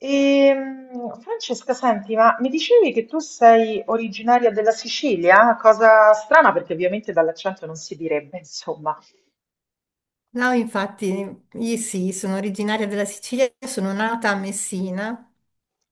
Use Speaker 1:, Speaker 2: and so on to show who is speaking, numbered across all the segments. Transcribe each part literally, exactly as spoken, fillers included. Speaker 1: Ehm, Francesca, senti, ma mi dicevi che tu sei originaria della Sicilia? Cosa strana, perché ovviamente dall'accento non si direbbe, insomma.
Speaker 2: No, infatti, io sì, sono originaria della Sicilia, sono nata a Messina,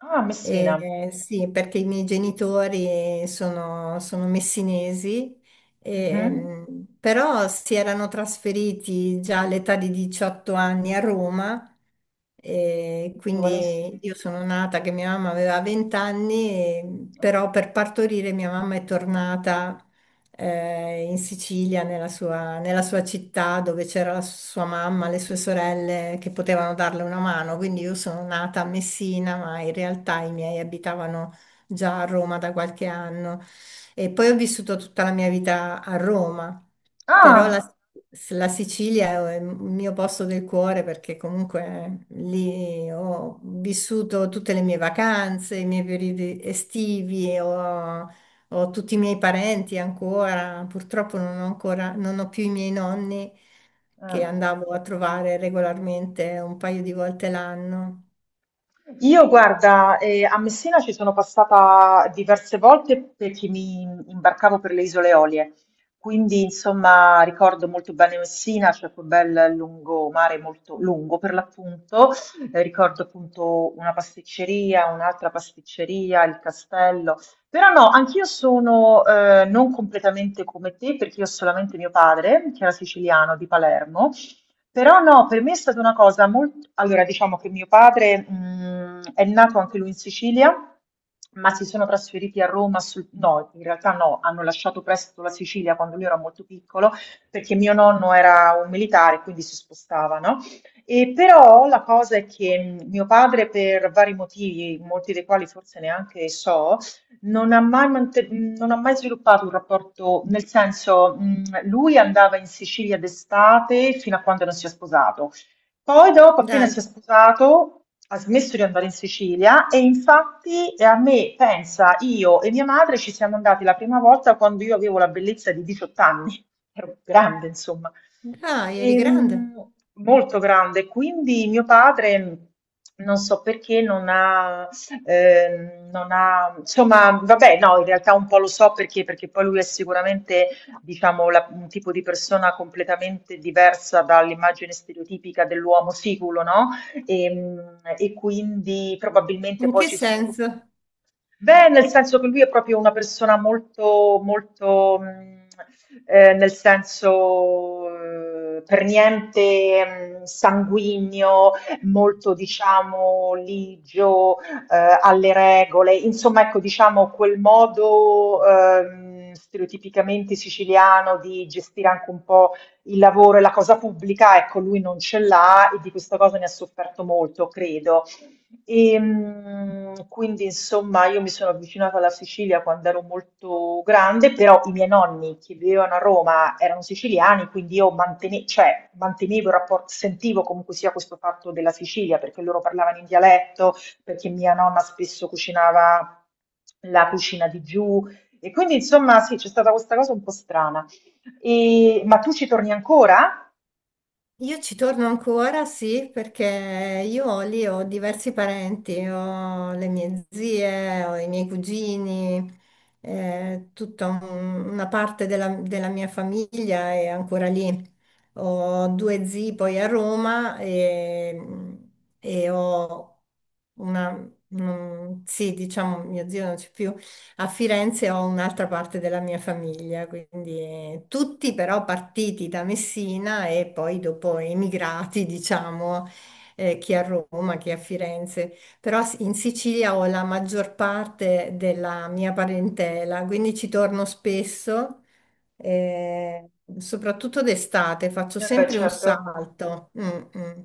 Speaker 1: Ah, Messina.
Speaker 2: eh, sì, perché i miei genitori sono, sono messinesi,
Speaker 1: Mhm.
Speaker 2: ehm, però si erano trasferiti già all'età di diciotto anni a Roma, e quindi
Speaker 1: Giovanissimi.
Speaker 2: io sono nata che mia mamma aveva venti anni, e-
Speaker 1: Oh.
Speaker 2: però per partorire mia mamma è tornata eh, in Sicilia, nella sua, nella sua città dove c'era la sua mamma, le sue sorelle che potevano darle una mano. Quindi io sono nata a Messina, ma in realtà i miei abitavano già a Roma da qualche anno. E poi ho vissuto tutta la mia vita a Roma, però la,
Speaker 1: Ah,
Speaker 2: la Sicilia è il mio posto del cuore perché comunque lì ho vissuto tutte le mie vacanze, i miei periodi estivi. Ho- ho tutti i miei parenti ancora, purtroppo non ho ancora, non ho più i miei nonni che
Speaker 1: eh.
Speaker 2: andavo a trovare regolarmente un paio di volte l'anno.
Speaker 1: Io guarda, eh, a Messina ci sono passata diverse volte perché mi imbarcavo per le Isole Olie, quindi insomma ricordo molto bene Messina, c'è quel bel lungomare molto lungo per l'appunto. Eh, ricordo appunto una pasticceria, un'altra pasticceria, il castello, però no, anch'io sono eh, non completamente come te perché io ho solamente mio padre, che era siciliano di Palermo, però no, per me è stata una cosa molto... Allora, diciamo che mio padre, mh, è nato anche lui in Sicilia, ma si sono trasferiti a Roma sul... No, in realtà no, hanno lasciato presto la Sicilia quando lui era molto piccolo, perché mio nonno era un militare, quindi si spostavano. E però la cosa è che mh, mio padre, per vari motivi, molti dei quali forse neanche so, non ha mai, mante- non ha mai sviluppato un rapporto, nel senso, mh, lui andava in Sicilia d'estate fino a quando non si è sposato. Poi dopo, appena
Speaker 2: Dai,
Speaker 1: si è sposato, ha smesso di andare in Sicilia e infatti eh, a me, pensa, io e mia madre ci siamo andati la prima volta quando io avevo la bellezza di diciotto anni, ero grande, insomma.
Speaker 2: dai, eri grande.
Speaker 1: Ehm, molto grande. Quindi mio padre, non so perché, non ha ehm, non ha, insomma, vabbè, no, in realtà un po' lo so perché, perché poi lui è sicuramente, diciamo, la- un tipo di persona completamente diversa dall'immagine stereotipica dell'uomo siculo, no? E, mm, e quindi probabilmente
Speaker 2: In
Speaker 1: poi
Speaker 2: che
Speaker 1: ci sono tutti.
Speaker 2: senso?
Speaker 1: Beh, nel senso che lui è proprio una persona molto, molto, mhmm, ehm, nel senso, ehm, per niente, mhmm, sanguigno, molto diciamo ligio, ehm, alle regole. Insomma, ecco, diciamo quel modo, ehm, stereotipicamente siciliano di gestire anche un po' il lavoro e la cosa pubblica, ecco lui non ce l'ha e di questa cosa ne ha sofferto molto, credo. E, mm, quindi insomma io mi sono avvicinata alla Sicilia quando ero molto grande, però i miei nonni che vivevano a Roma erano siciliani, quindi io mantene- cioè, mantenevo il rapporto, sentivo comunque sia questo fatto della Sicilia, perché loro parlavano in dialetto, perché mia nonna spesso cucinava la cucina di giù, e quindi insomma sì, c'è stata questa cosa un po' strana. E- ma tu ci torni ancora?
Speaker 2: Io ci torno ancora, sì, perché io lì ho diversi parenti, ho le mie zie, ho i miei cugini, eh, tutta un- una parte della, della mia famiglia è ancora lì. Ho due zii poi a Roma e, e ho una, un- sì, diciamo, mio zio non c'è più, a Firenze ho un'altra parte della mia famiglia, quindi eh, tutti però partiti da Messina e poi dopo emigrati, diciamo, eh, chi a Roma, chi a Firenze. Però s- in Sicilia ho la maggior parte della mia parentela, quindi ci torno spesso eh, soprattutto d'estate, faccio
Speaker 1: Eh beh,
Speaker 2: sempre un
Speaker 1: certo.
Speaker 2: salto, mm, mm.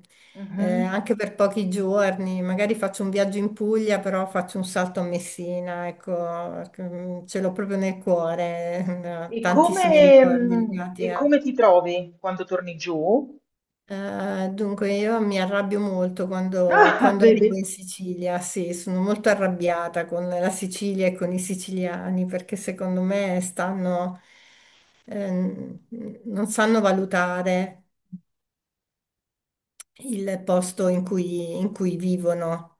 Speaker 2: Eh,
Speaker 1: Mhm.
Speaker 2: anche per pochi giorni, magari faccio un viaggio in Puglia, però faccio un salto a Messina, ecco, perché, mm, ce l'ho proprio nel cuore,
Speaker 1: E
Speaker 2: tantissimi
Speaker 1: come,
Speaker 2: ricordi
Speaker 1: mhmm,
Speaker 2: legati
Speaker 1: e
Speaker 2: a
Speaker 1: come ti trovi quando torni giù?
Speaker 2: eh, dunque, io mi arrabbio molto quando,
Speaker 1: Ah,
Speaker 2: quando arrivo
Speaker 1: vedi?
Speaker 2: in Sicilia, sì, sono molto arrabbiata con la Sicilia e con i siciliani perché secondo me stanno, ehm, non sanno valutare il posto in cui, in cui vivono.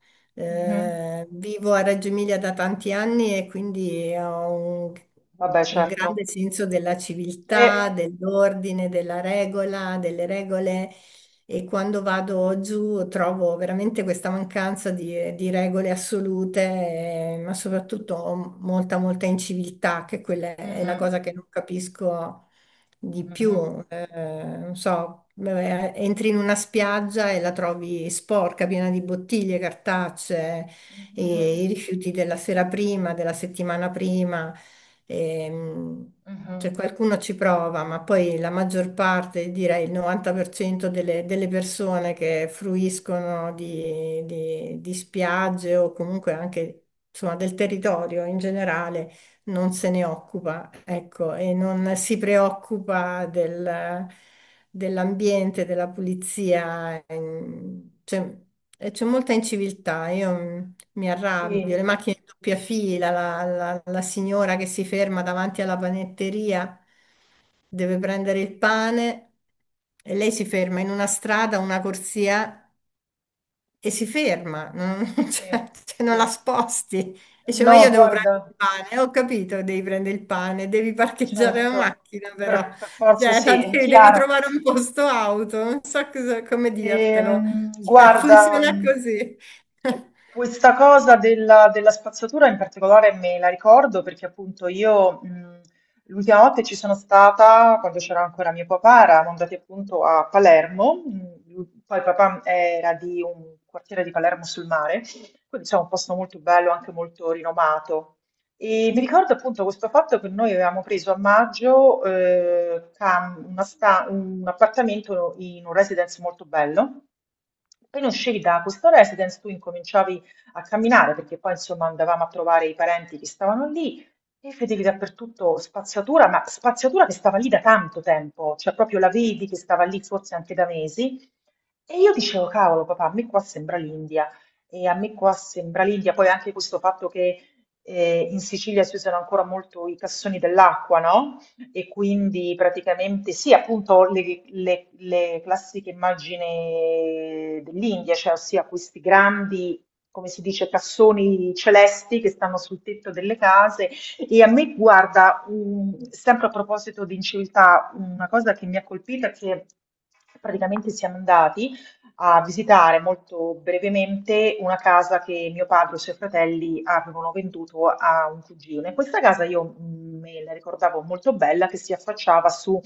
Speaker 1: Mh-mh.
Speaker 2: Eh, vivo a Reggio Emilia da tanti anni e quindi ho un,
Speaker 1: Vabbè,
Speaker 2: un grande
Speaker 1: certo.
Speaker 2: senso della civiltà,
Speaker 1: Eh.
Speaker 2: dell'ordine, della regola, delle regole e quando vado giù trovo veramente questa mancanza di, di regole assolute, eh, ma soprattutto molta, molta inciviltà, che quella è la
Speaker 1: Mh-mh.
Speaker 2: cosa che non capisco di più,
Speaker 1: Mh-mh.
Speaker 2: eh, non so, vabbè, entri in una spiaggia e la trovi sporca, piena di bottiglie, cartacee,
Speaker 1: Mh-mh.
Speaker 2: e i rifiuti della sera prima, della settimana prima. Ehm,
Speaker 1: Mh-mh.
Speaker 2: cioè qualcuno ci prova, ma poi la maggior parte, direi il novanta per cento delle, delle persone che fruiscono di, di- di spiagge o comunque anche insomma, del territorio in generale, non se ne occupa, ecco, e non si preoccupa del- dell'ambiente, della pulizia, ehm, c'è e c'è molta inciviltà, io mm, mi arrabbio,
Speaker 1: Sì,
Speaker 2: le macchine in doppia fila, la, la- la signora che si ferma davanti alla panetteria, deve prendere il pane e lei si ferma in una strada, una corsia e si ferma, non, cioè, cioè, non
Speaker 1: sì,
Speaker 2: la
Speaker 1: sì.
Speaker 2: sposti. Dice, ma
Speaker 1: No,
Speaker 2: io devo
Speaker 1: guarda,
Speaker 2: prendere il pane. Ho capito, devi prendere il pane, devi parcheggiare la
Speaker 1: certo,
Speaker 2: macchina però,
Speaker 1: per per forza
Speaker 2: cioè, la
Speaker 1: sì, è
Speaker 2: devi, devi
Speaker 1: chiaro.
Speaker 2: trovare un posto auto, non so cosa- come dirtelo.
Speaker 1: Ehm,
Speaker 2: Cioè,
Speaker 1: guarda,
Speaker 2: funziona
Speaker 1: mh,
Speaker 2: così.
Speaker 1: eh, questa cosa della, della spazzatura in particolare me la ricordo perché appunto io mh, l'ultima volta che ci sono stata, quando c'era ancora mio papà, eravamo andati appunto a Palermo, mh, lui- poi papà era di un quartiere di Palermo sul mare, quindi insomma un posto molto bello, anche molto rinomato. E mi ricordo appunto questo fatto che noi avevamo preso a maggio eh, cam- una sta- un appartamento in un residence molto bello. Appena uscivi da questo residence, tu incominciavi a camminare perché poi insomma andavamo a trovare i parenti che stavano lì e vedevi dappertutto spazzatura, ma spazzatura che stava lì da tanto tempo, cioè proprio la vedi che stava lì forse anche da mesi. E io dicevo, cavolo, papà, a me qua sembra l'India. E a me qua sembra l'India, poi anche questo fatto che eh, in Sicilia si usano ancora molto i cassoni dell'acqua, no? E quindi praticamente sì, appunto le, le- le classiche immagini dell'India, cioè ossia questi grandi, come si dice, cassoni celesti che stanno sul tetto delle case. E a me, guarda, um, sempre a proposito di inciviltà, una cosa che mi ha colpito è che praticamente siamo andati a visitare molto brevemente una casa che mio padre e i suoi fratelli avevano venduto a un cugino. In questa casa io mh, me la ricordavo molto bella, che si affacciava su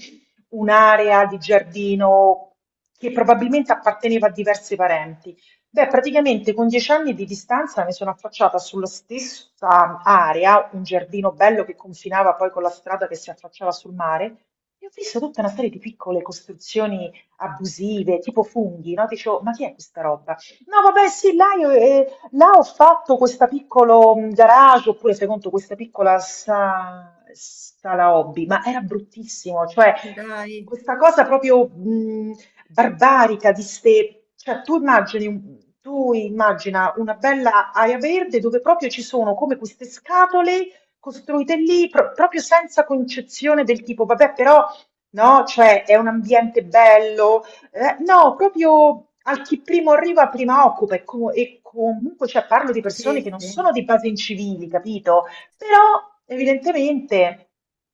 Speaker 1: un'area di giardino che probabilmente apparteneva a diversi parenti. Beh, praticamente con dieci anni di distanza mi sono affacciata sulla stessa area, un giardino bello che confinava poi con la strada che si affacciava sul mare, e ho visto tutta una serie di piccole costruzioni abusive, tipo funghi, no? Dicevo, ma chi è questa roba? No, vabbè, sì, là, io, eh, là ho fatto questo piccolo mm, garage, oppure fai conto questa piccola sa- sala hobby, ma era bruttissimo, cioè
Speaker 2: Dai,
Speaker 1: questa cosa proprio mm, barbarica di ste... Cioè, tu immagini, un- tu immagina una bella area verde dove proprio ci sono come queste scatole costruite lì, pro- proprio senza concezione del tipo, vabbè, però no? Cioè è un ambiente bello, eh, no, proprio al chi primo arriva, prima occupa e, co- e comunque cioè, parlo di persone che
Speaker 2: sì,
Speaker 1: non
Speaker 2: sì.
Speaker 1: sono di base incivili, capito? Però evidentemente,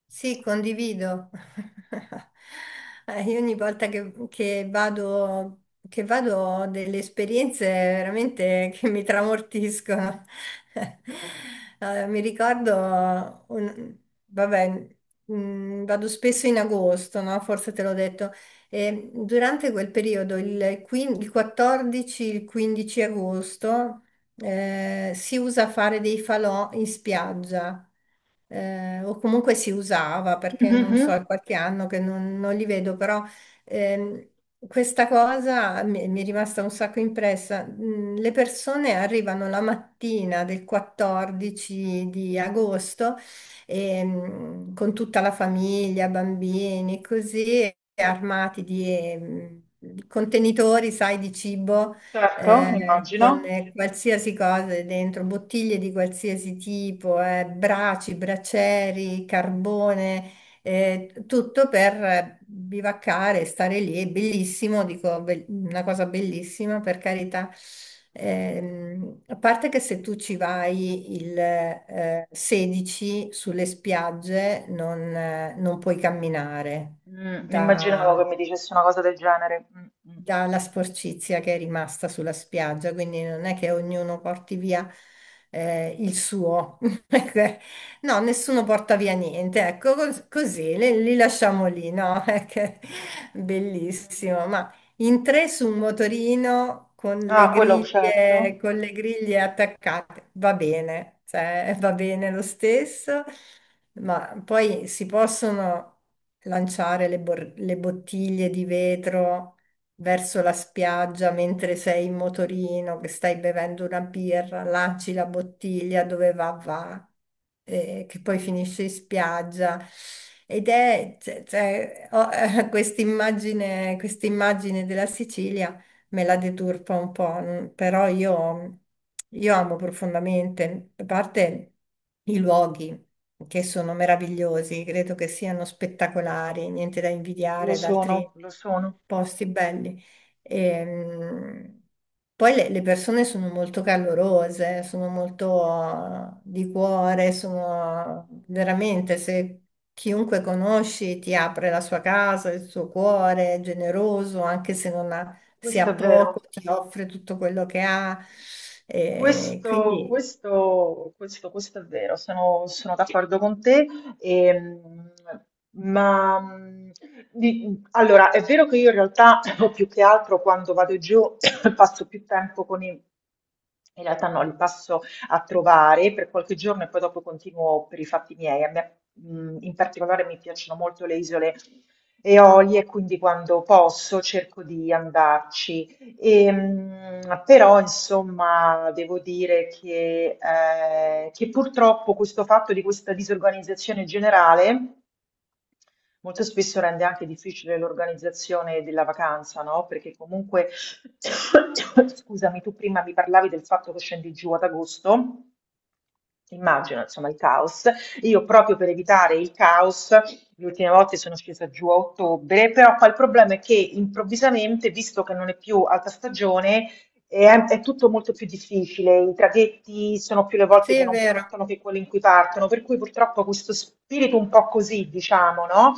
Speaker 2: Sì, condivido. Eh, io ogni volta che, che vado, che vado ho delle esperienze veramente che mi tramortiscono. Eh, mi ricordo, un- vabbè, mm, vado spesso in agosto, no? Forse te l'ho detto, e durante quel periodo, il, quin- il quattordici, il quindici agosto, eh, si usa fare dei falò in spiaggia, eh, o comunque si usava perché non so,
Speaker 1: Mhm,
Speaker 2: è qualche anno che non, non li vedo, però ehm, questa cosa mi, mi è rimasta un sacco impressa. Mm, le persone arrivano la mattina del quattordici di agosto ehm, con tutta la famiglia, bambini, così, armati di ehm, contenitori, sai, di cibo
Speaker 1: certo,
Speaker 2: eh, con
Speaker 1: immagino.
Speaker 2: eh, qualsiasi cosa dentro, bottiglie di qualsiasi tipo, eh, braci, bracieri, carbone, eh, tutto per eh, bivaccare, stare lì, è bellissimo, dico, be- una cosa bellissima, per carità. Ehm, a parte che se tu ci vai il eh, sedici sulle spiagge non, eh, non puoi camminare
Speaker 1: Mm, immaginavo
Speaker 2: Da,
Speaker 1: che mi dicesse una cosa del genere. Mm, mm.
Speaker 2: dalla sporcizia che è rimasta sulla spiaggia, quindi non è che ognuno porti via eh, il suo. No, nessuno porta via niente, ecco, cos- così li, li lasciamo lì, no? È che-
Speaker 1: Mhm.
Speaker 2: Bellissimo, ma in tre su un motorino con le
Speaker 1: Ah, quello
Speaker 2: griglie,
Speaker 1: certo,
Speaker 2: con le griglie attaccate, va bene, cioè, va bene lo stesso, ma poi si possono lanciare le bor- le bottiglie di vetro verso la spiaggia mentre sei in motorino, che stai bevendo una birra, lanci la bottiglia dove va, va, eh, che poi finisce in spiaggia. Ed è cioè, cioè, ho, eh, quest'immagine, quest'immagine della Sicilia me la deturpa un po', n- però io, io amo profondamente, a parte i luoghi che sono meravigliosi, credo che siano spettacolari, niente da
Speaker 1: lo
Speaker 2: invidiare ad altri
Speaker 1: sono, lo sono,
Speaker 2: posti belli. Ehm, Poi le, le persone sono molto calorose, sono molto eh, di cuore, sono veramente se chiunque conosci ti apre la sua casa, il suo cuore, è generoso, anche se non ha se
Speaker 1: questo
Speaker 2: ha
Speaker 1: è
Speaker 2: poco
Speaker 1: vero.
Speaker 2: ti offre tutto quello che ha. Eh,
Speaker 1: Questo,
Speaker 2: quindi
Speaker 1: questo, questo, questo è vero, sono, sono d'accordo con te. ehm, ma mh, di- allora è vero che io in realtà o più che altro quando vado giù passo più tempo con i. In realtà no, li passo a trovare per qualche giorno e poi dopo continuo per i fatti miei. A me, mh, in particolare mi piacciono molto le isole Eolie, quindi quando posso cerco di andarci. Ehm, però insomma devo dire che, eh, che purtroppo questo fatto di questa disorganizzazione generale molto spesso rende anche difficile l'organizzazione della vacanza, no? Perché comunque, scusami, tu prima mi parlavi del fatto che scendi giù ad agosto. Immagino, insomma, il caos. Io proprio per evitare il caos, le ultime volte sono scesa giù a ottobre, però poi il problema è che improvvisamente, visto che non è più alta stagione, è, è tutto molto più difficile. I traghetti sono più le volte
Speaker 2: sì,
Speaker 1: che
Speaker 2: è
Speaker 1: non
Speaker 2: vero,
Speaker 1: partono che quelle in cui partono, per cui purtroppo questo spirito un po' così, diciamo, no?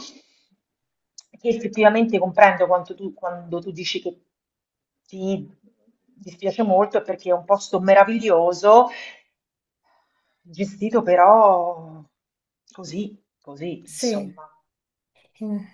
Speaker 1: Che effettivamente comprendo quanto tu- quando tu dici che ti dispiace molto, è perché è un posto meraviglioso gestito però così, così,
Speaker 2: sì.
Speaker 1: insomma.
Speaker 2: Mm.